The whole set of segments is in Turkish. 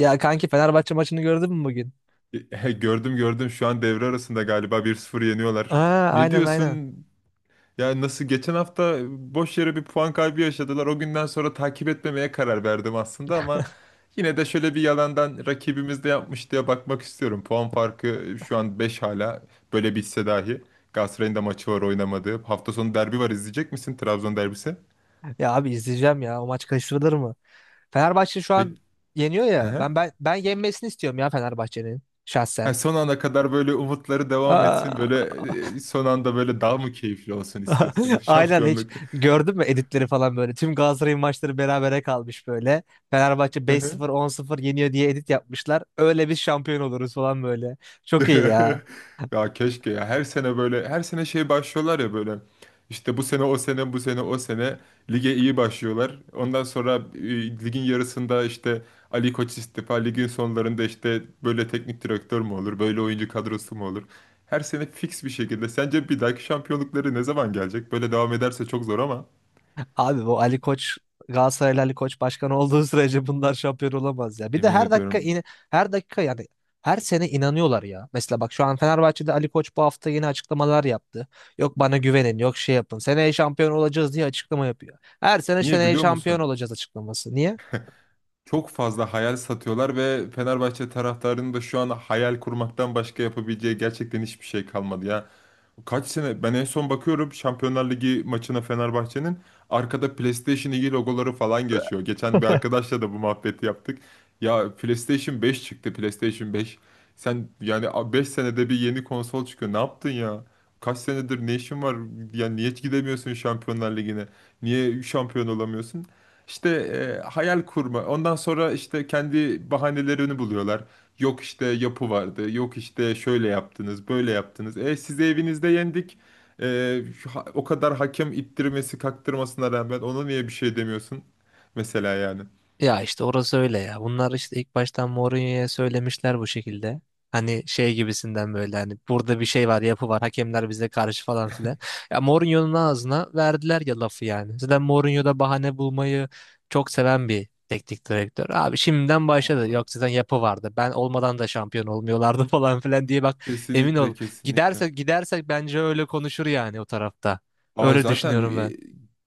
Ya kanki Fenerbahçe maçını gördün mü bugün? He, gördüm şu an devre arasında galiba 1-0 yeniyorlar. Aa, Ne aynen aynen. diyorsun? Ya nasıl geçen hafta boş yere bir puan kaybı yaşadılar. O günden sonra takip etmemeye karar verdim aslında ama yine de şöyle bir yalandan rakibimiz de yapmış diye bakmak istiyorum. Puan farkı şu an beş, hala böyle bitse dahi. Galatasaray'ın da maçı var oynamadığı. Hafta sonu derbi var, izleyecek misin Trabzon derbisi? Ya abi izleyeceğim ya. O maç kaçırılır mı? Fenerbahçe şu an Peki. yeniyor ya. Aha. Ben yenmesini istiyorum ya Fenerbahçe'nin Ha, şahsen. son ana kadar böyle umutları devam etsin. Aa, Son anda böyle daha mı keyifli olsun istiyorsun aynen hiç şampiyonluk? gördün mü editleri falan böyle. Tüm Galatasaray'ın maçları berabere kalmış böyle. Fenerbahçe Hı hı. 5-0 10-0 yeniyor diye edit yapmışlar. Öyle biz şampiyon oluruz falan böyle. Çok iyi ya. Ya keşke ya, her sene böyle, her sene başlıyorlar ya, böyle işte bu sene o sene, bu sene o sene lige iyi başlıyorlar. Ondan sonra ligin yarısında işte Ali Koç istifa, ligin sonlarında işte böyle teknik direktör mü olur, böyle oyuncu kadrosu mu olur? Her sene fix bir şekilde. Sence bir dahaki şampiyonlukları ne zaman gelecek? Böyle devam ederse çok zor ama Abi bu Ali Koç Galatasaraylı Ali Koç başkan olduğu sürece bunlar şampiyon olamaz ya. Bir de emin ediyorum. Her dakika yani her sene inanıyorlar ya. Mesela bak şu an Fenerbahçe'de Ali Koç bu hafta yeni açıklamalar yaptı. Yok bana güvenin, yok şey yapın. Seneye şampiyon olacağız diye açıklama yapıyor. Her sene Niye seneye biliyor şampiyon musun? olacağız açıklaması. Niye? Çok fazla hayal satıyorlar ve Fenerbahçe taraftarının da şu an hayal kurmaktan başka yapabileceği gerçekten hiçbir şey kalmadı ya. Kaç sene ben en son bakıyorum Şampiyonlar Ligi maçına Fenerbahçe'nin, arkada PlayStation 2 logoları falan geçiyor. Geçen bir arkadaşla da bu muhabbeti yaptık. Ya PlayStation 5 çıktı, PlayStation 5. Sen yani 5 senede bir yeni konsol çıkıyor. Ne yaptın ya? Kaç senedir ne işin var? Yani niye hiç gidemiyorsun Şampiyonlar Ligi'ne? Niye şampiyon olamıyorsun? İşte hayal kurma. Ondan sonra işte kendi bahanelerini buluyorlar. Yok işte yapı vardı. Yok işte şöyle yaptınız, böyle yaptınız. E sizi evinizde yendik. O kadar hakem ittirmesi, kaktırmasına rağmen ona niye bir şey demiyorsun? Mesela yani. Ya işte orası öyle ya. Bunlar işte ilk baştan Mourinho'ya söylemişler bu şekilde. Hani şey gibisinden böyle hani burada bir şey var, yapı var. Hakemler bize karşı falan filan. Ya Mourinho'nun ağzına verdiler ya lafı yani. Zaten Mourinho da bahane bulmayı çok seven bir teknik direktör. Abi şimdiden başladı. Aa, Yok zaten yapı vardı. Ben olmadan da şampiyon olmuyorlardı falan filan diye bak emin ol. kesinlikle, kesinlikle. Gidersek gidersek bence öyle konuşur yani o tarafta. Aa Öyle zaten düşünüyorum ben. e,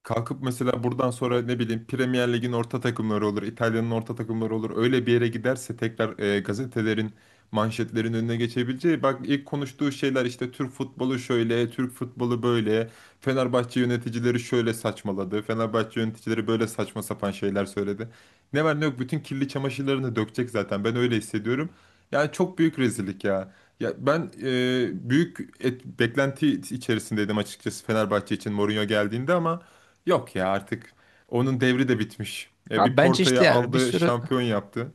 Kalkıp mesela buradan sonra ne bileyim Premier Lig'in orta takımları olur, İtalya'nın orta takımları olur. Öyle bir yere giderse tekrar gazetelerin manşetlerin önüne geçebileceği. Bak ilk konuştuğu şeyler işte Türk futbolu şöyle, Türk futbolu böyle. Fenerbahçe yöneticileri şöyle saçmaladı. Fenerbahçe yöneticileri böyle saçma sapan şeyler söyledi. Ne var ne yok bütün kirli çamaşırlarını dökecek zaten. Ben öyle hissediyorum. Yani çok büyük rezillik ya. Ya ben e, büyük et- beklenti içerisindeydim açıkçası Fenerbahçe için Mourinho geldiğinde ama yok ya, artık onun devri de bitmiş. Bir Abi bence işte Porto'yu yani bir aldı, sürü. şampiyon yaptı.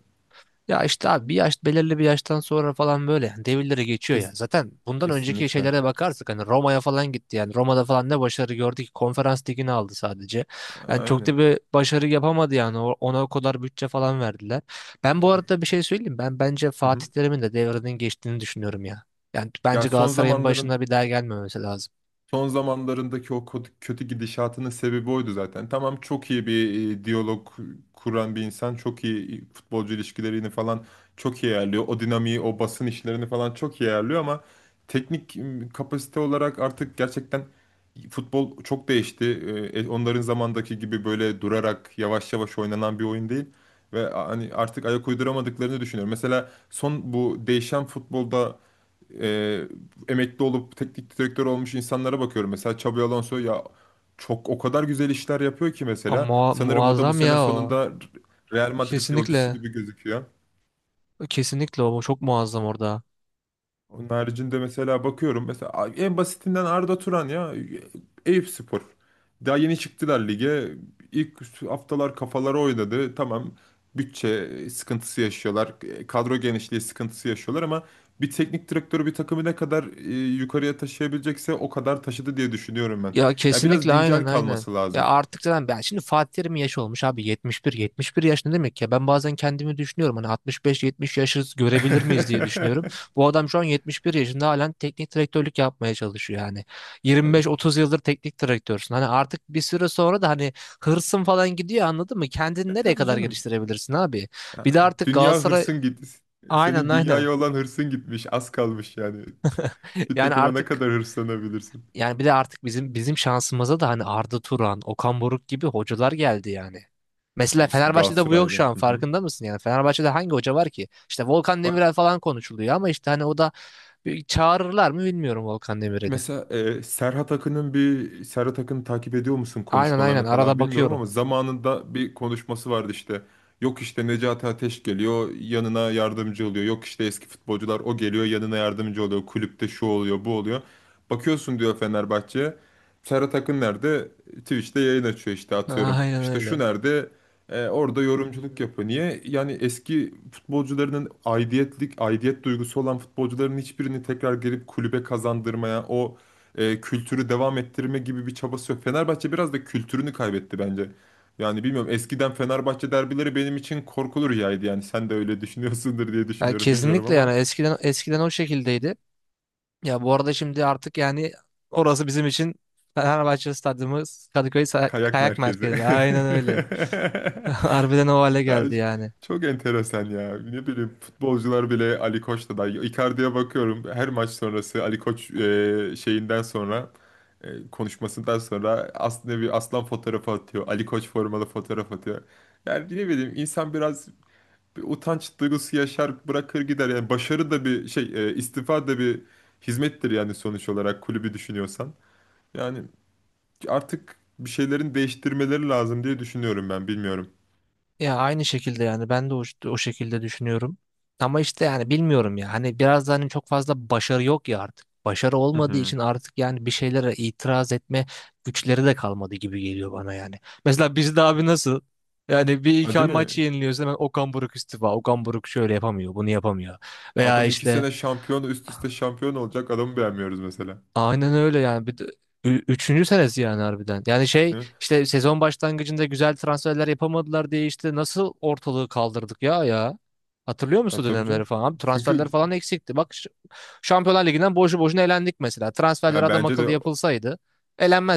Ya işte abi bir yaş belirli bir yaştan sonra falan böyle devirleri geçiyor ya. Kes- Zaten bundan önceki Kesinlikle. şeylere bakarsak hani Roma'ya falan gitti yani. Roma'da falan ne başarı gördü ki konferans ligini aldı sadece. Yani çok da Aynen. bir başarı yapamadı yani. Ona o kadar bütçe falan verdiler. Ben bu Yani, arada bir şey söyleyeyim. Ben bence hı Fatih hı. Terim'in de devrinin geçtiğini düşünüyorum ya. Yani Ya bence son Galatasaray'ın başına zamanların bir daha gelmemesi lazım. Son zamanlarındaki o kötü gidişatının sebebi oydu zaten. Tamam, çok iyi bir diyalog kuran bir insan, çok iyi futbolcu ilişkilerini falan çok iyi ayarlıyor. O dinamiği, o basın işlerini falan çok iyi ayarlıyor ama kapasite olarak artık gerçekten futbol çok değişti. Onların zamandaki gibi böyle durarak yavaş yavaş oynanan bir oyun değil. Ve hani artık ayak uyduramadıklarını düşünüyorum. Mesela son bu değişen futbolda e, emekli olup teknik direktör olmuş insanlara bakıyorum. Mesela Xabi Alonso ya, çok o kadar güzel işler yapıyor ki Ama mesela. Sanırım o da bu muazzam ya sene o. sonunda Real Madrid yolcusu Kesinlikle. gibi gözüküyor. Kesinlikle o çok muazzam orada. Onun haricinde mesela bakıyorum, mesela en basitinden Arda Turan ya, Eyüp Spor. Daha yeni çıktılar lige. İlk haftalar kafaları oynadı. Tamam bütçe sıkıntısı yaşıyorlar. Kadro genişliği sıkıntısı yaşıyorlar ama bir teknik direktörü bir takımı ne kadar yukarıya taşıyabilecekse o kadar taşıdı diye düşünüyorum ben. Ya Ya biraz kesinlikle aynen güncel aynen. kalması Ya lazım. artık zaten ben şimdi Fatih Terim'in yaşı olmuş abi 71 yaş ne demek ya? Ben bazen kendimi düşünüyorum hani 65, 70 yaşı görebilir miyiz diye düşünüyorum. Bu adam şu an 71 yaşında halen teknik direktörlük yapmaya çalışıyor yani. 25, 30 yıldır teknik direktörsün. Hani artık bir süre sonra da hani hırsın falan gidiyor anladın mı? Kendini nereye Tabii kadar canım. geliştirebilirsin abi? Bir Ya, de artık dünya Galatasaray hırsın git. aynen Senin aynen. dünyaya olan hırsın gitmiş. Az kalmış yani. Bir Yani takıma ne artık. kadar hırslanabilirsin? Yani bir de artık bizim şansımıza da hani Arda Turan, Okan Buruk gibi hocalar geldi yani. Mesela Eski Fenerbahçe'de bu yok şu Galatasaraylı. an Hı hı. farkında mısın yani? Fenerbahçe'de hangi hoca var ki? İşte Volkan Bak Demirel falan konuşuluyor ama işte hani o da bir çağırırlar mı bilmiyorum Volkan Demirel'i. mesela Serhat Akın'ın, bir Serhat Akın'ı takip ediyor musun, Aynen aynen konuşmalarını arada falan bilmiyorum bakıyorum. ama zamanında bir konuşması vardı işte. Yok işte Necati Ateş geliyor yanına yardımcı oluyor. Yok işte eski futbolcular o geliyor yanına yardımcı oluyor. Kulüpte şu oluyor bu oluyor. Bakıyorsun diyor Fenerbahçe. Serhat Akın nerede? Twitch'te yayın açıyor işte, atıyorum. Aynen İşte şu öyle. nerede? Orada yorumculuk yapıyor. Niye? Yani eski futbolcularının aidiyetlik, aidiyet duygusu olan futbolcuların hiçbirini tekrar gelip kulübe kazandırmaya, o kültürü devam ettirme gibi bir çabası yok. Fenerbahçe biraz da kültürünü kaybetti bence. Yani bilmiyorum, eskiden Fenerbahçe derbileri benim için korkulu rüyaydı yani. Sen de öyle düşünüyorsundur diye Yani düşünüyorum, bilmiyorum kesinlikle ama yani eskiden eskiden o şekildeydi. Ya bu arada şimdi artık yani orası bizim için Fenerbahçe Stadyumu Kadıköy kayak Kayak merkezi. Merkezi. Aynen öyle. Harbiden o hale Ya, geldi yani. çok enteresan ya. Ne bileyim futbolcular bile Ali Koç'ta da. Icardi'ye bakıyorum, her maç sonrası Ali Koç e, şeyinden sonra e, konuşmasından sonra aslında bir aslan fotoğrafı atıyor. Ali Koç formalı fotoğraf atıyor. Yani ne bileyim, insan biraz bir utanç duygusu yaşar, bırakır gider. Yani başarı da bir şey e, istifa da bir hizmettir yani, sonuç olarak kulübü düşünüyorsan. Yani artık bir şeylerin değiştirmeleri lazım diye düşünüyorum ben, bilmiyorum. Ya aynı şekilde yani ben de o, o şekilde düşünüyorum. Ama işte yani bilmiyorum ya hani biraz da hani çok fazla başarı yok ya artık. Başarı Hı olmadığı hı. için artık yani bir şeylere itiraz etme güçleri de kalmadı gibi geliyor bana yani. Mesela bizde abi nasıl? Yani bir iki Ha, değil mi? maç yeniliyoruz hemen Okan Buruk istifa. Okan Buruk şöyle yapamıyor, bunu yapamıyor. Veya Adam iki işte sene şampiyon, üst üste şampiyon olacak adamı beğenmiyoruz mesela. aynen öyle yani. Bir de, üçüncü senesi yani harbiden. Yani şey Değil mi? işte sezon başlangıcında güzel transferler yapamadılar diye işte nasıl ortalığı kaldırdık ya ya. Hatırlıyor musun Ya o tabii dönemleri canım. falan? Abi transferler Çünkü falan eksikti. Bak Şampiyonlar Ligi'nden boşu boşuna elendik mesela. Transferler ya adam bence de, akıllı yapılsaydı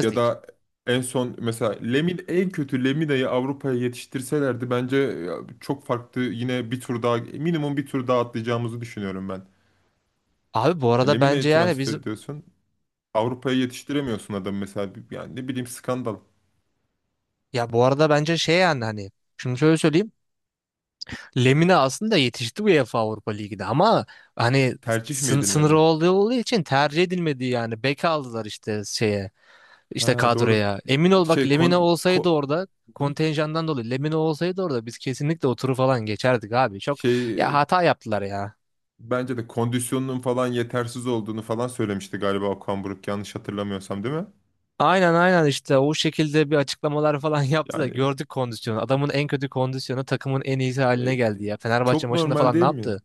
ya da en son mesela Lemin en kötü Lemina'yı Avrupa'ya yetiştirselerdi bence ya, çok farklı, yine bir tur daha, minimum bir tur daha atlayacağımızı düşünüyorum ben. Abi bu Ya arada bence Lemina'yı yani transfer biz, ediyorsun. Avrupa'ya yetiştiremiyorsun adamı mesela. Yani ne bileyim, skandal. ya bu arada bence şey yani hani şimdi şöyle söyleyeyim. Lemina aslında yetişti UEFA Avrupa Ligi'de ama hani Tercih mi edilmedi? sınırı olduğu için tercih edilmedi yani. Bek aldılar işte şeye işte Ha doğru. kadroya. Emin ol bak Şey Lemina kon, olsaydı ko- orada Hı? kontenjandan dolayı Lemina olsaydı orada biz kesinlikle o turu falan geçerdik abi. Çok ya şey hata yaptılar ya. Bence de kondisyonunun falan yetersiz olduğunu falan söylemişti galiba Okan Buruk, yanlış hatırlamıyorsam değil mi? Aynen aynen işte o şekilde bir açıklamalar falan yaptı da Yani gördük kondisyonu. Adamın en kötü kondisyonu takımın en iyisi haline e, geldi ya. Fenerbahçe çok maçında normal falan ne değil mi? yaptı?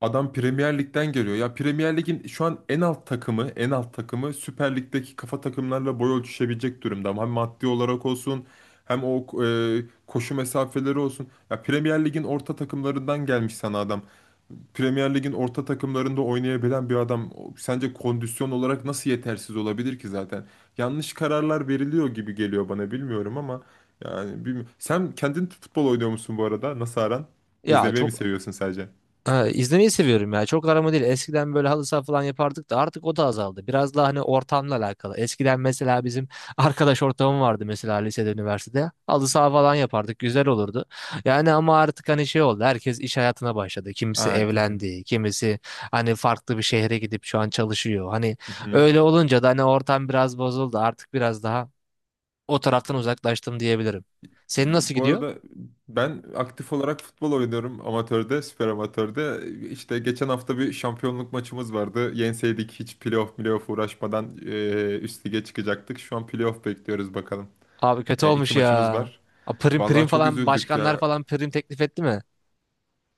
Adam Premier Lig'den geliyor. Ya Premier Lig'in şu an en alt takımı, en alt takımı Süper Lig'deki kafa takımlarla boy ölçüşebilecek durumda. Hem maddi olarak olsun, hem o koşu mesafeleri olsun. Ya Premier Lig'in orta takımlarından gelmiş sana adam. Premier Lig'in orta takımlarında oynayabilen bir adam, sence kondisyon olarak nasıl yetersiz olabilir ki zaten? Yanlış kararlar veriliyor gibi geliyor bana, bilmiyorum ama yani bilmiyorum. Sen kendin futbol oynuyor musun bu arada? Nasıl aran? Ya İzlemeyi mi çok. seviyorsun sadece? Ha, izlemeyi seviyorum ya. Çok arama değil. Eskiden böyle halı saha falan yapardık da artık o da azaldı. Biraz daha hani ortamla alakalı. Eskiden mesela bizim arkadaş ortamım vardı mesela lisede, üniversitede. Halı saha falan yapardık. Güzel olurdu. Yani ama artık hani şey oldu. Herkes iş hayatına başladı. Kimisi Aa, değil mi? evlendi. Kimisi hani farklı bir şehre gidip şu an çalışıyor. Hani Hı-hı. öyle olunca da hani ortam biraz bozuldu. Artık biraz daha o taraftan uzaklaştım diyebilirim. Senin nasıl Ya, bu gidiyor? arada ben aktif olarak futbol oynuyorum amatörde, süper amatörde. İşte geçen hafta bir şampiyonluk maçımız vardı. Yenseydik hiç playoff uğraşmadan üst lige çıkacaktık. Şu an playoff bekliyoruz bakalım. Abi kötü İki olmuş ya. maçımız var. A, prim prim Vallahi çok falan üzüldük başkanlar ya. falan prim teklif etti mi?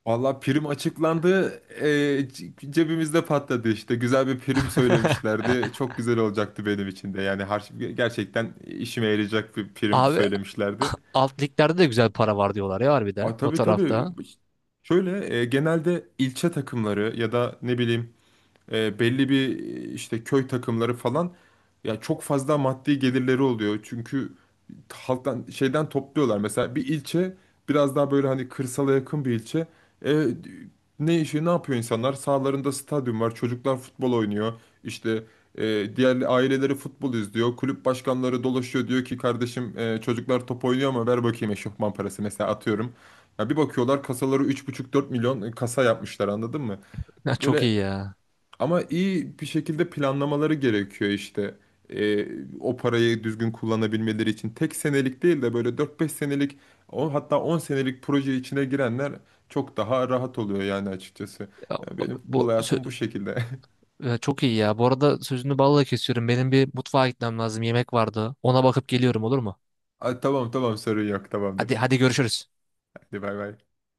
Vallahi prim açıklandı. Cebimizde patladı işte. Güzel bir prim söylemişlerdi. Çok güzel olacaktı benim için de. Yani gerçekten işime yarayacak bir prim Abi söylemişlerdi. alt liglerde de güzel para var diyorlar ya harbiden Aa, o tabii tabii. tarafta. Şöyle genelde ilçe takımları ya da ne bileyim, belli bir işte köy takımları falan, ya çok fazla maddi gelirleri oluyor. Çünkü halktan şeyden topluyorlar. Mesela bir ilçe, biraz daha böyle hani kırsala yakın bir ilçe. E, Ne işi ne yapıyor insanlar? Sağlarında stadyum var. Çocuklar futbol oynuyor. İşte diğer aileleri futbol izliyor. Kulüp başkanları dolaşıyor, diyor ki kardeşim, çocuklar top oynuyor ama ver bakayım eşofman parası, mesela atıyorum. Ya bir bakıyorlar kasaları 3,5-4 milyon, kasa yapmışlar, anladın mı? Ya çok Böyle, iyi ya. ama iyi bir şekilde planlamaları gerekiyor işte. Ee, O parayı düzgün kullanabilmeleri için tek senelik değil de böyle dört beş senelik, o hatta 10 senelik proje içine girenler çok daha rahat oluyor yani açıkçası. Ya Ya benim bu futbol sö- hayatım bu şekilde. Çok iyi ya. Bu arada sözünü balla kesiyorum. Benim bir mutfağa gitmem lazım. Yemek vardı. Ona bakıp geliyorum olur mu? Ay, tamam tamam, sorun yok, tamamdır. Hadi hadi görüşürüz. Hadi bay bay.